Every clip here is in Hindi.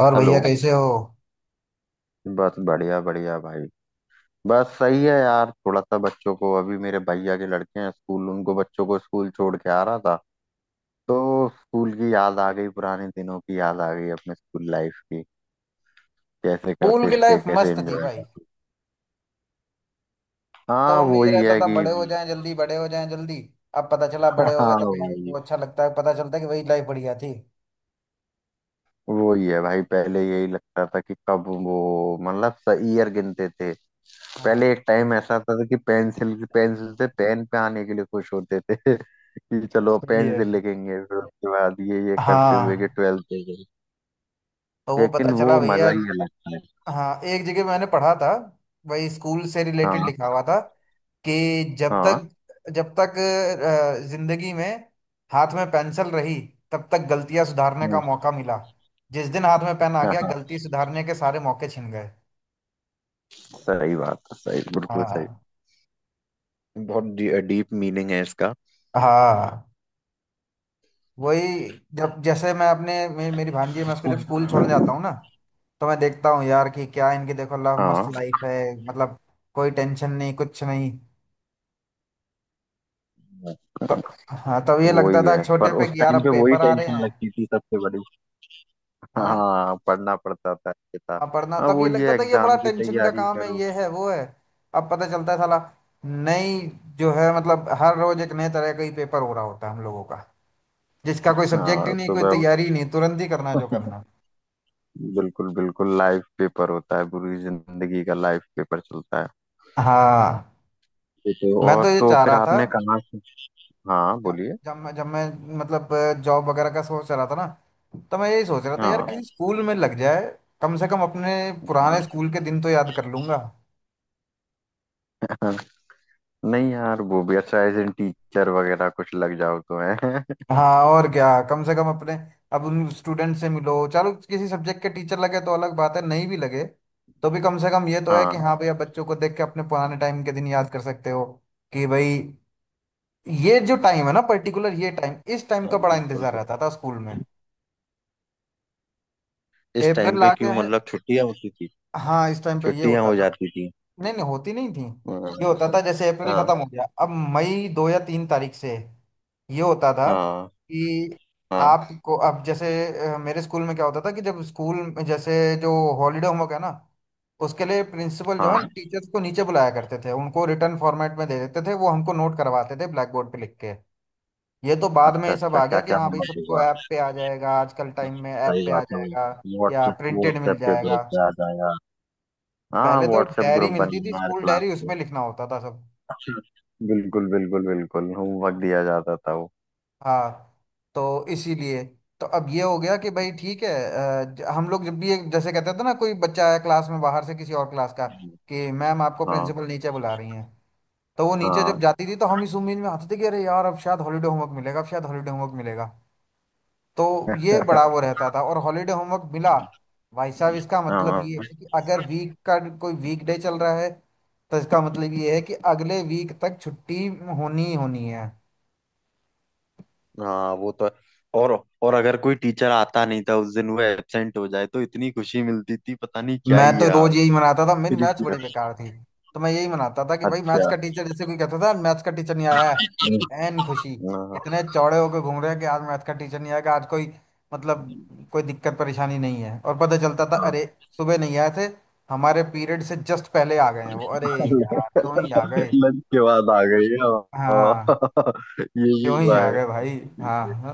और हेलो। भैया कैसे हो? बस बढ़िया बढ़िया भाई। बस सही है यार। थोड़ा सा बच्चों को, अभी मेरे भैया के लड़के हैं स्कूल, उनको बच्चों को स्कूल छोड़ के आ रहा था। तो स्कूल की याद आ गई, पुराने दिनों की याद आ गई अपने स्कूल लाइफ की। कैसे स्कूल करते की थे, लाइफ कैसे मस्त थी एंजॉय भाई। करते। तब हाँ हमें ये वही रहता है था कि बड़े हो जाएं जल्दी बड़े हो जाएं जल्दी। अब पता चला बड़े हो गए हाँ तो फिर भाई। वो अच्छा लगता है, पता चलता है कि वही लाइफ बढ़िया थी। वही है भाई, पहले यही लगता था कि कब वो मतलब ईयर गिनते थे। पहले हाँ एक टाइम ऐसा था कि पेंसिल पेंसिल से पेन पे आने के लिए खुश होते थे कि चलो सही पेन है। से लिखेंगे, फिर उसके बाद ये करते हुए कि हाँ। ट्वेल्थ दे गई। तो वो लेकिन पता चला वो भैया। मजा ही अलग था। हाँ एक जगह मैंने पढ़ा था, वही स्कूल से रिलेटेड हाँ लिखा हुआ था कि जब हाँ। तक जब तक जिंदगी में हाथ में पेंसिल रही तब तक गलतियां सुधारने का हम्म, मौका मिला। जिस दिन हाथ में पेन आ हाँ गया हाँ, गलती सुधारने के सारे मौके छिन गए। सही बात है, सही, बिल्कुल सही। हाँ बहुत डीप मीनिंग है इसका। हाँ। वही। जब जैसे मैं मेरी भांजी है मैं उसको जब स्कूल छोड़ने जाता हूँ ना, तो मैं देखता हूँ यार कि क्या इनकी देखो मस्त हाँ लाइफ है मतलब। कोई टेंशन नहीं कुछ नहीं। तो हाँ तब ये लगता वही था है, छोटे पर पे उस कि यार टाइम अब पे वही पेपर आ रहे टेंशन हैं। लगती थी सबसे बड़ी। हैं। हाँ पढ़ना पड़ता था, ये था। अब पढ़ना हाँ तब वो ये ये लगता था ये बड़ा एग्जाम की टेंशन का तैयारी काम है, करो। ये है वो है। अब पता चलता है साला नई, जो है मतलब हर रोज एक नए तरह का ही पेपर हो रहा होता है हम लोगों का, जिसका कोई सब्जेक्ट ही हाँ नहीं कोई सुबह, तैयारी ही नहीं, तुरंत ही करना है जो करना है। बिल्कुल बिल्कुल लाइफ पेपर होता है, पूरी जिंदगी का लाइफ पेपर चलता है। हाँ। ये तो, मैं तो और ये तो चाह फिर रहा था। आपने कहाँ से। हाँ ज- बोलिए। जब मैं मतलब जॉब वगैरह का सोच रहा था ना, तो मैं यही सोच रहा था यार हाँ किसी स्कूल में लग जाए, कम से कम अपने पुराने हाँ। स्कूल के दिन तो याद कर लूंगा। नहीं यार, वो भी अच्छा, एज इन टीचर वगैरह कुछ लग जाओ तो है। हाँ और क्या, कम से कम अपने, अब उन स्टूडेंट से मिलो, चलो किसी सब्जेक्ट के टीचर लगे तो अलग बात है, नहीं भी लगे तो भी कम से कम ये तो है कि हाँ। हाँ भैया बच्चों को देख के अपने पुराने टाइम के दिन याद कर सकते हो। कि भाई ये जो टाइम है ना पर्टिकुलर, ये टाइम, इस टाइम हाँ, का बड़ा बिल्कुल। इंतजार रहता था स्कूल में। इस टाइम अप्रैल पे आ गया क्यों है। मतलब छुट्टियां होती थी, हाँ इस टाइम पे ये छुट्टियां होता हो था। जाती थी। नहीं नहीं होती नहीं थी। हाँ ये होता था जैसे अप्रैल हाँ खत्म हो गया, अब मई दो या तीन तारीख से ये होता था हाँ कि हाँ आपको अब जैसे मेरे स्कूल में क्या होता था कि जब स्कूल में जैसे जो हॉलीडे होमवर्क है ना, उसके लिए प्रिंसिपल जो है हाँ। टीचर्स को नीचे बुलाया करते थे, उनको रिटर्न फॉर्मेट में दे देते थे, वो हमको नोट करवाते थे ब्लैक बोर्ड पे लिख के। ये तो बाद में अच्छा ये सब अच्छा, आ गया क्या कि क्या हाँ भाई होमवर्क सबको हुआ। ऐप पे आ जाएगा, आजकल टाइम में ऐप सही पे आ बात है। जाएगा या व्हाट्सएप, प्रिंटेड मिल व्हाट्सएप के ग्रुप जाएगा। पे आ जाएगा। हाँ पहले तो व्हाट्सएप डायरी ग्रुप मिलती थी, बनना यार स्कूल डायरी, क्लास। उसमें लिखना होता था सब। बिल्कुल बिल्कुल बिल्कुल होमवर्क दिया जाता था वो। हाँ तो इसीलिए, तो अब ये हो गया कि भाई ठीक है हम लोग जब भी, एक जैसे कहते थे ना कोई बच्चा आया क्लास में बाहर से किसी और क्लास का कि मैम आपको हाँ प्रिंसिपल नीचे बुला रही हैं, तो वो नीचे हाँ। जब जाती थी तो हम इस उम्मीद में आते थे कि अरे यार अब शायद हॉलीडे होमवर्क मिलेगा, अब शायद हॉलीडे होमवर्क मिलेगा। तो ये बड़ा वो रहता था। और हॉलीडे होमवर्क मिला भाई साहब, इसका मतलब ये हाँ है कि अगर वीक का कोई वीकडे चल रहा है तो इसका मतलब ये है कि अगले वीक तक छुट्टी होनी ही होनी है। हाँ वो तो है। और और अगर कोई टीचर आता नहीं था उस दिन, वो एब्सेंट हो जाए तो इतनी खुशी मिलती थी, पता नहीं क्या मैं ही है तो रोज आज। यही मनाता था, मेरी फिर मैथ्स इसी- बड़ी बेकार थी, तो मैं यही मनाता था कि भाई मैथ्स अच्छा। का टीचर, जैसे कोई कहता था मैथ्स का टीचर नहीं आया है, एन खुशी, हाँ इतने चौड़े होकर घूम रहे हैं कि आज मैथ्स का टीचर नहीं आएगा, आज कोई मतलब कोई दिक्कत परेशानी नहीं है। और पता चलता था, हाँ। अरे सुबह नहीं आए थे, हमारे पीरियड से जस्ट पहले आ गए हैं वो, अरे यार क्यों ही आ गए। लंच के बाद आ गई है। हाँ, हाँ। ये क्यों भी ही हुआ आ है। गए भाई। हाँ इसमें हाँ।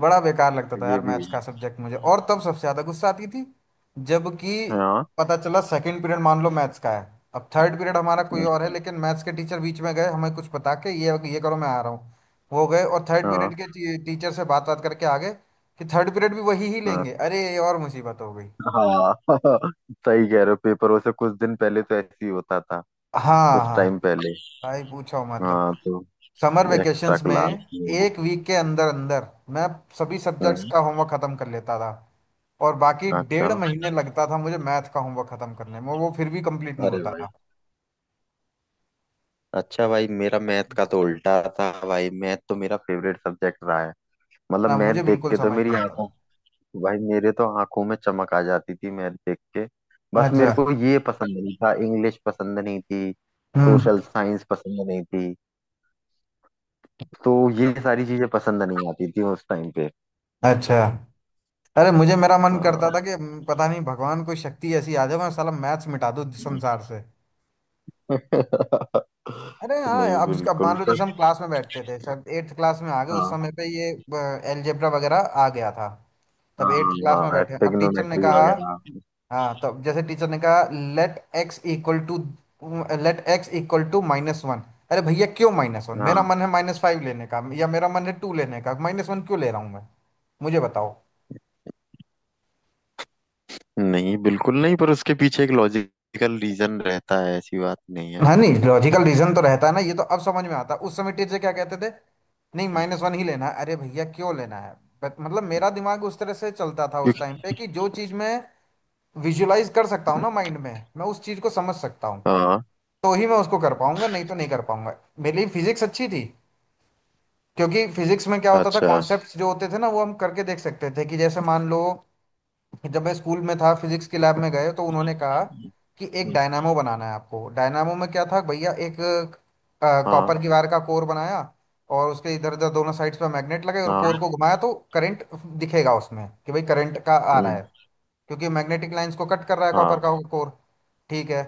बड़ा बेकार लगता था ये यार भी मैथ्स हुआ का सब्जेक्ट मुझे, और तब सबसे ज्यादा गुस्सा आती थी जबकि है। हाँ। पता चला सेकंड पीरियड मान लो मैथ्स का है, अब थर्ड पीरियड हमारा कोई और है, हम्म, लेकिन मैथ्स के टीचर बीच में गए हमें कुछ बता के, ये करो मैं आ रहा हूँ। वो गए और थर्ड हाँ पीरियड के टीचर से बात बात करके आ गए कि थर्ड पीरियड भी वही ही हाँ लेंगे, अरे ये और मुसीबत हो गई। हाँ। सही कह रहे हो, पेपरों से कुछ दिन पहले तो ऐसे ही होता था। हाँ कुछ हाँ। टाइम पहले। भाई पूछो मत। हाँ तो समर एक्स्ट्रा वेकेशंस में क्लास। एक वीक के अंदर अंदर मैं सभी सब्जेक्ट्स हम्म। का होमवर्क खत्म कर लेता था, और बाकी अच्छा, डेढ़ महीने लगता था मुझे मैथ का होमवर्क खत्म करने में और वो फिर भी कंप्लीट नहीं अरे होता भाई। था। अच्छा भाई, मेरा मैथ का तो उल्टा था भाई, मैथ तो मेरा फेवरेट सब्जेक्ट रहा है। मतलब हाँ, मुझे मैथ देख बिल्कुल के तो समझ नहीं मेरी आता आंखों, था। भाई मेरे तो आंखों में चमक आ जाती थी मैथ देख के। बस अच्छा। मेरे को ये पसंद नहीं था, इंग्लिश पसंद नहीं थी, हम्म। सोशल साइंस पसंद नहीं थी। तो ये सारी चीजें पसंद नहीं आती थी उस टाइम पे। अच्छा। अरे मुझे मेरा मन करता हाँ था कि पता नहीं, भगवान कोई शक्ति ऐसी आ जाए मैं साला मैथ्स मिटा दूं संसार से। अरे हाँ, नहीं अब बिल्कुल मान लो जैसे हम क्लास में बैठते थे, शायद एट्थ क्लास में आ गए उस सर। समय पे, ये एलजेब्रा वगैरह आ गया था। तब एट्थ क्लास में हाँ बैठे, अब टीचर ने ट्रिग्नोमेट्री कहा, वगैरह। हाँ तो जैसे टीचर ने कहा, let x equal to let x equal to minus one. अरे भैया क्यों माइनस वन? मेरा हाँ मन है माइनस फाइव लेने का, या मेरा मन है टू लेने का, माइनस वन क्यों ले रहा हूँ मैं, मुझे बताओ। नहीं, बिल्कुल नहीं, पर उसके पीछे एक लॉजिकल रीजन रहता है, ऐसी बात नहीं है। हाँ नहीं लॉजिकल रीजन तो रहता है ना, ये तो अब समझ में आता है, उस समय टीचर क्या कहते थे, नहीं माइनस वन ही लेना है, अरे भैया क्यों लेना है। बट मतलब मेरा दिमाग उस तरह से चलता था उस टाइम क्योंकि पे, कि जो चीज़ मैं विजुलाइज कर सकता हूँ ना माइंड में, मैं उस चीज़ को समझ सकता हूँ हाँ। तो ही मैं उसको कर पाऊंगा, नहीं तो नहीं कर पाऊंगा। मेरे लिए फिजिक्स अच्छी थी क्योंकि फिजिक्स में क्या होता था, अच्छा कॉन्सेप्ट्स जो होते थे ना वो हम करके देख सकते थे, कि जैसे मान लो जब मैं स्कूल में था, फिजिक्स के लैब में गए तो उन्होंने कहा कि एक डायनामो बनाना है आपको। डायनामो में क्या था भैया, एक हाँ कॉपर की वायर का कोर बनाया, और उसके इधर उधर दोनों साइड्स पर मैग्नेट लगे, और हाँ। कोर को घुमाया तो करंट दिखेगा उसमें कि भाई करंट का आ रहा हम्म, है, क्योंकि मैग्नेटिक लाइंस को कट कर रहा है कॉपर हाँ का कोर। ठीक है।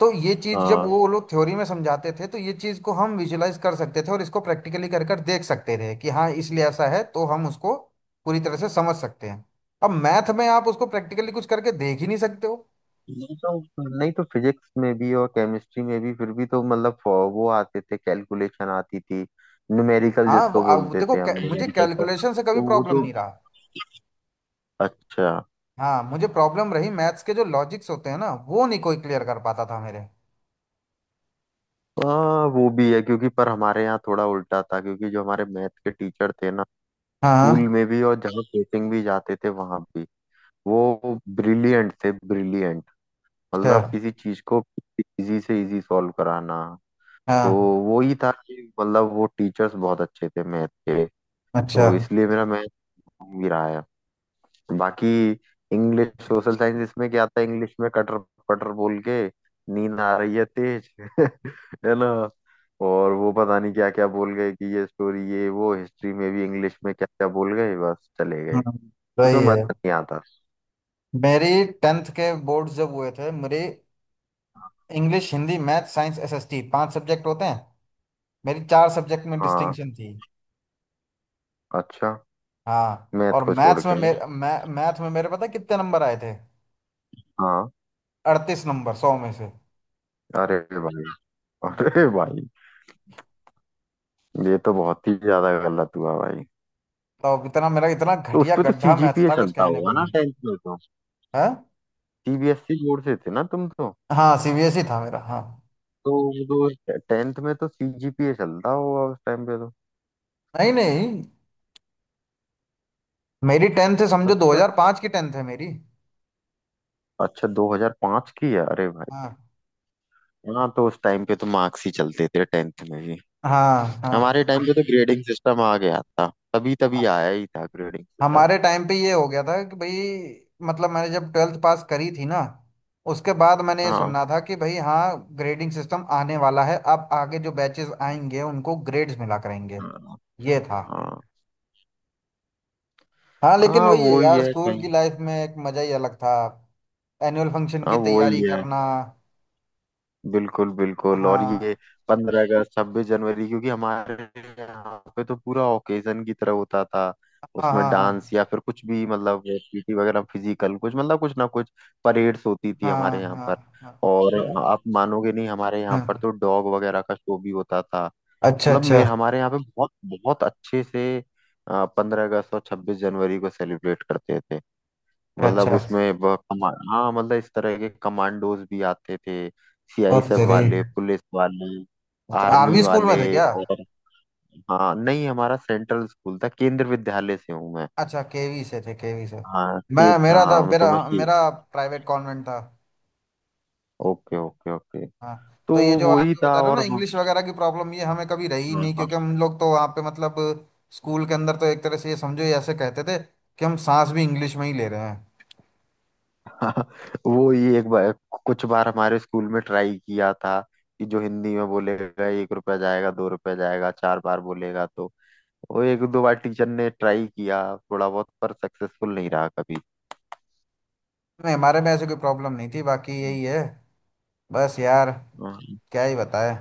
तो ये चीज़ जब हाँ। वो लोग थ्योरी में समझाते थे तो ये चीज़ को हम विजुलाइज कर सकते थे और इसको प्रैक्टिकली कर कर देख सकते थे कि हाँ इसलिए ऐसा है, तो हम उसको पूरी तरह से समझ सकते हैं। अब मैथ में आप उसको प्रैक्टिकली कुछ करके देख ही नहीं सकते हो। नहीं तो, नहीं तो फिजिक्स में भी और केमिस्ट्री में भी, फिर भी तो मतलब वो आते थे, कैलकुलेशन आती थी, न्यूमेरिकल हाँ जिसको वो बोलते देखो थे हम मुझे न्यूमेरिकल सर, कैलकुलेशन से कभी तो वो प्रॉब्लम तो। नहीं रहा। अच्छा हाँ मुझे प्रॉब्लम रही, मैथ्स के जो लॉजिक्स होते हैं ना वो नहीं कोई क्लियर कर पाता था मेरे। हाँ वो भी है। क्योंकि पर हमारे यहाँ थोड़ा उल्टा था, क्योंकि जो हमारे मैथ के टीचर थे ना, स्कूल हाँ। में भी और जहाँ कोचिंग भी जाते थे वहां भी, वो ब्रिलियंट थे, ब्रिलियंट। अच्छा। मतलब किसी चीज को इजी से इजी सॉल्व कराना। तो हाँ। वो ही था कि, मतलब वो टीचर्स बहुत अच्छे थे मैथ के। अच्छा। तो इसलिए मेरा मैथ भी रहा है। बाकी इंग्लिश, सोशल साइंस, इसमें क्या था, इंग्लिश में कटर पटर बोल के नींद आ रही है तेज। है ना। और वो पता नहीं क्या क्या बोल गए कि ये स्टोरी, ये वो, हिस्ट्री में भी इंग्लिश में क्या क्या बोल गए बस चले गए। हम्म, सही उसमें है। मजा नहीं आता। मेरी टेंथ के बोर्ड जब हुए थे, मेरी English Hindi math science SST पांच सब्जेक्ट होते हैं, मेरी चार सब्जेक्ट में हाँ। डिस्टिंक्शन थी। अच्छा, हाँ मैथ और को छोड़ मैथ्स में के। मेरे, मैं मैथ में मेरे पता है कितने नंबर आए थे? हाँ। अड़तीस नंबर सौ में से। अरे भाई, अरे हम्म। भाई, ये तो बहुत ही ज्यादा गलत हुआ भाई। तो इतना, मेरा इतना तो घटिया उसपे तो गड्ढा मैथ सीजीपीए था कुछ चलता कहने को होगा ना नहीं टेंथ में तो। है। सीबीएसई बोर्ड से थे ना तुम तो। हाँ सीबीएसई था मेरा। हाँ तो वो तो टेंथ में तो सीजीपीए चलता होगा उस टाइम पे तो। नहीं नहीं, मेरी टेंथ है समझो अच्छा, 2005 की टेंथ है मेरी। अच्छा 2005 की है। अरे भाई। हाँ हाँ तो उस टाइम पे तो मार्क्स ही चलते थे टेंथ में भी। हाँ हमारे हाँ टाइम पे तो ग्रेडिंग सिस्टम आ गया था, तभी हाँ। तभी आया ही था ग्रेडिंग सिस्टम। हमारे टाइम पे ये हो गया था कि भाई मतलब मैंने जब ट्वेल्थ पास करी थी ना, उसके बाद मैंने ये सुनना था कि भाई हाँ ग्रेडिंग सिस्टम आने वाला है, अब आगे जो बैचेस आएंगे उनको ग्रेड्स मिला करेंगे। हाँ ये था। हाँ। हाँ लेकिन हाँ वही है वो ही यार, है स्कूल की कहीं। लाइफ में एक मजा ही अलग था। एनुअल फंक्शन हाँ की वो तैयारी ही है, करना। बिल्कुल बिल्कुल। और ये हाँ पंद्रह अगस्त, छब्बीस जनवरी, क्योंकि हमारे यहाँ पे तो पूरा ओकेजन की तरह होता था। हाँ उसमें हाँ डांस हाँ या फिर कुछ भी, मतलब पीटी वगैरह, फिजिकल कुछ, मतलब कुछ ना कुछ, परेड्स होती थी हाँ हमारे यहाँ हाँ पर। हाँ। और हम्म, आप मानोगे नहीं, हमारे यहाँ हाँ। पर तो डॉग वगैरह का शो भी होता था। अच्छा मतलब अच्छा। मेरे, हमारे यहाँ पे बहुत बहुत अच्छे से पंद्रह अगस्त और छब्बीस जनवरी को सेलिब्रेट करते थे। मतलब अच्छा। उसमें कमा हाँ, मतलब इस तरह के कमांडोज भी आते थे, ओ सीआईएसएफ तेरी। वाले, पुलिस वाले, अच्छा, आर्मी आर्मी स्कूल में वाले। थे क्या? और हाँ, नहीं हमारा सेंट्रल स्कूल था, केंद्र विद्यालय से हूँ मैं। अच्छा केवी से थे, केवी से। हाँ के, मैं मेरा था हाँ तो मेरा मैं मेरा प्राइवेट कॉन्वेंट था। Okay okay okay. हाँ तो तो ये जो आप वही जो था बता रहे हो ना, और इंग्लिश वगैरह की प्रॉब्लम, ये हमें कभी रही ही हाँ नहीं, हाँ। क्योंकि हम लोग तो वहाँ पे मतलब स्कूल के अंदर तो एक तरह से ये समझो, ये ऐसे कहते थे कि हम सांस भी इंग्लिश में ही ले रहे हैं। वो ही एक बार, कुछ बार हमारे स्कूल में ट्राई किया था कि जो हिंदी में बोलेगा एक रुपया जाएगा, दो रुपया जाएगा, चार बार बोलेगा तो, वो एक दो बार टीचर ने ट्राई किया थोड़ा बहुत पर सक्सेसफुल नहीं रहा कभी। नहीं हमारे में ऐसे कोई प्रॉब्लम नहीं थी, बाकी यही है। बस यार हाँ। क्या ही बताए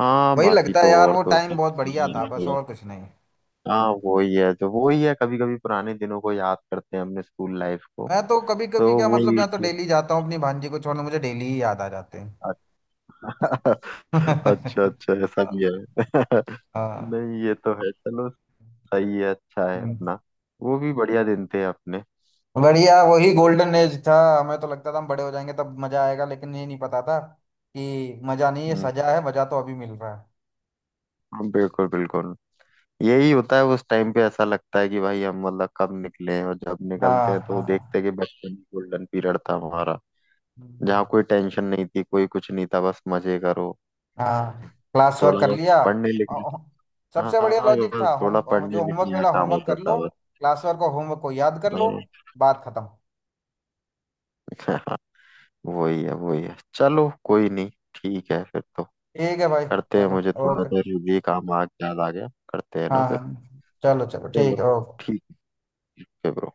हाँ, वही बाकी लगता है तो यार, और वो तो टाइम सब बहुत बढ़िया था, ठीक बस है। और कुछ नहीं। हाँ वही है, तो वही है, कभी कभी पुराने दिनों को याद करते हैं अपने स्कूल लाइफ को। मैं तो कभी तो कभी क्या, मतलब वही। मैं तो डेली जाता हूँ अपनी भांजी को छोड़ने, मुझे डेली ही याद आ जाते हैं। अच्छा अच्छा अच्छा ऐसा भी है। हाँ। नहीं ये तो है, चलो। सही है, अच्छा है हम्म। अपना। वो भी बढ़िया दिन थे अपने। बढ़िया, वही गोल्डन एज था। हमें तो लगता था हम बड़े हो जाएंगे तब मजा आएगा, लेकिन ये नहीं पता था कि मजा नहीं ये हम्म। सजा है, मजा तो अभी मिल रहा है। हाँ, बिल्कुल बिल्कुल। यही होता है, उस टाइम पे ऐसा लगता है कि भाई हम मतलब कब निकले हैं, और जब निकलते हाँ हैं तो देखते हाँ। हैं कि बचपन गोल्डन पीरियड था हमारा, हम्म। जहाँ कोई टेंशन नहीं थी, कोई कुछ नहीं था, बस मजे करो, हाँ क्लास वर्क थोड़ा कर बहुत लिया, पढ़ने लिखने। सबसे बढ़िया हाँ लॉजिक था, बस थोड़ा होम पढ़ने जो होमवर्क लिखने का मिला काम होमवर्क होता कर था लो, बस। क्लास वर्क और होमवर्क को याद कर लो, बात खत्म। हाँ, वही है वही है, चलो कोई नहीं। ठीक है फिर तो, ठीक है भाई। करते हैं, चलो। मुझे थोड़ा ओके। जरूरी काम आ याद आ गया, करते हैं हाँ ना फिर। हाँ चलो चलो चलो ठीक है ओके। ठीक है ब्रो।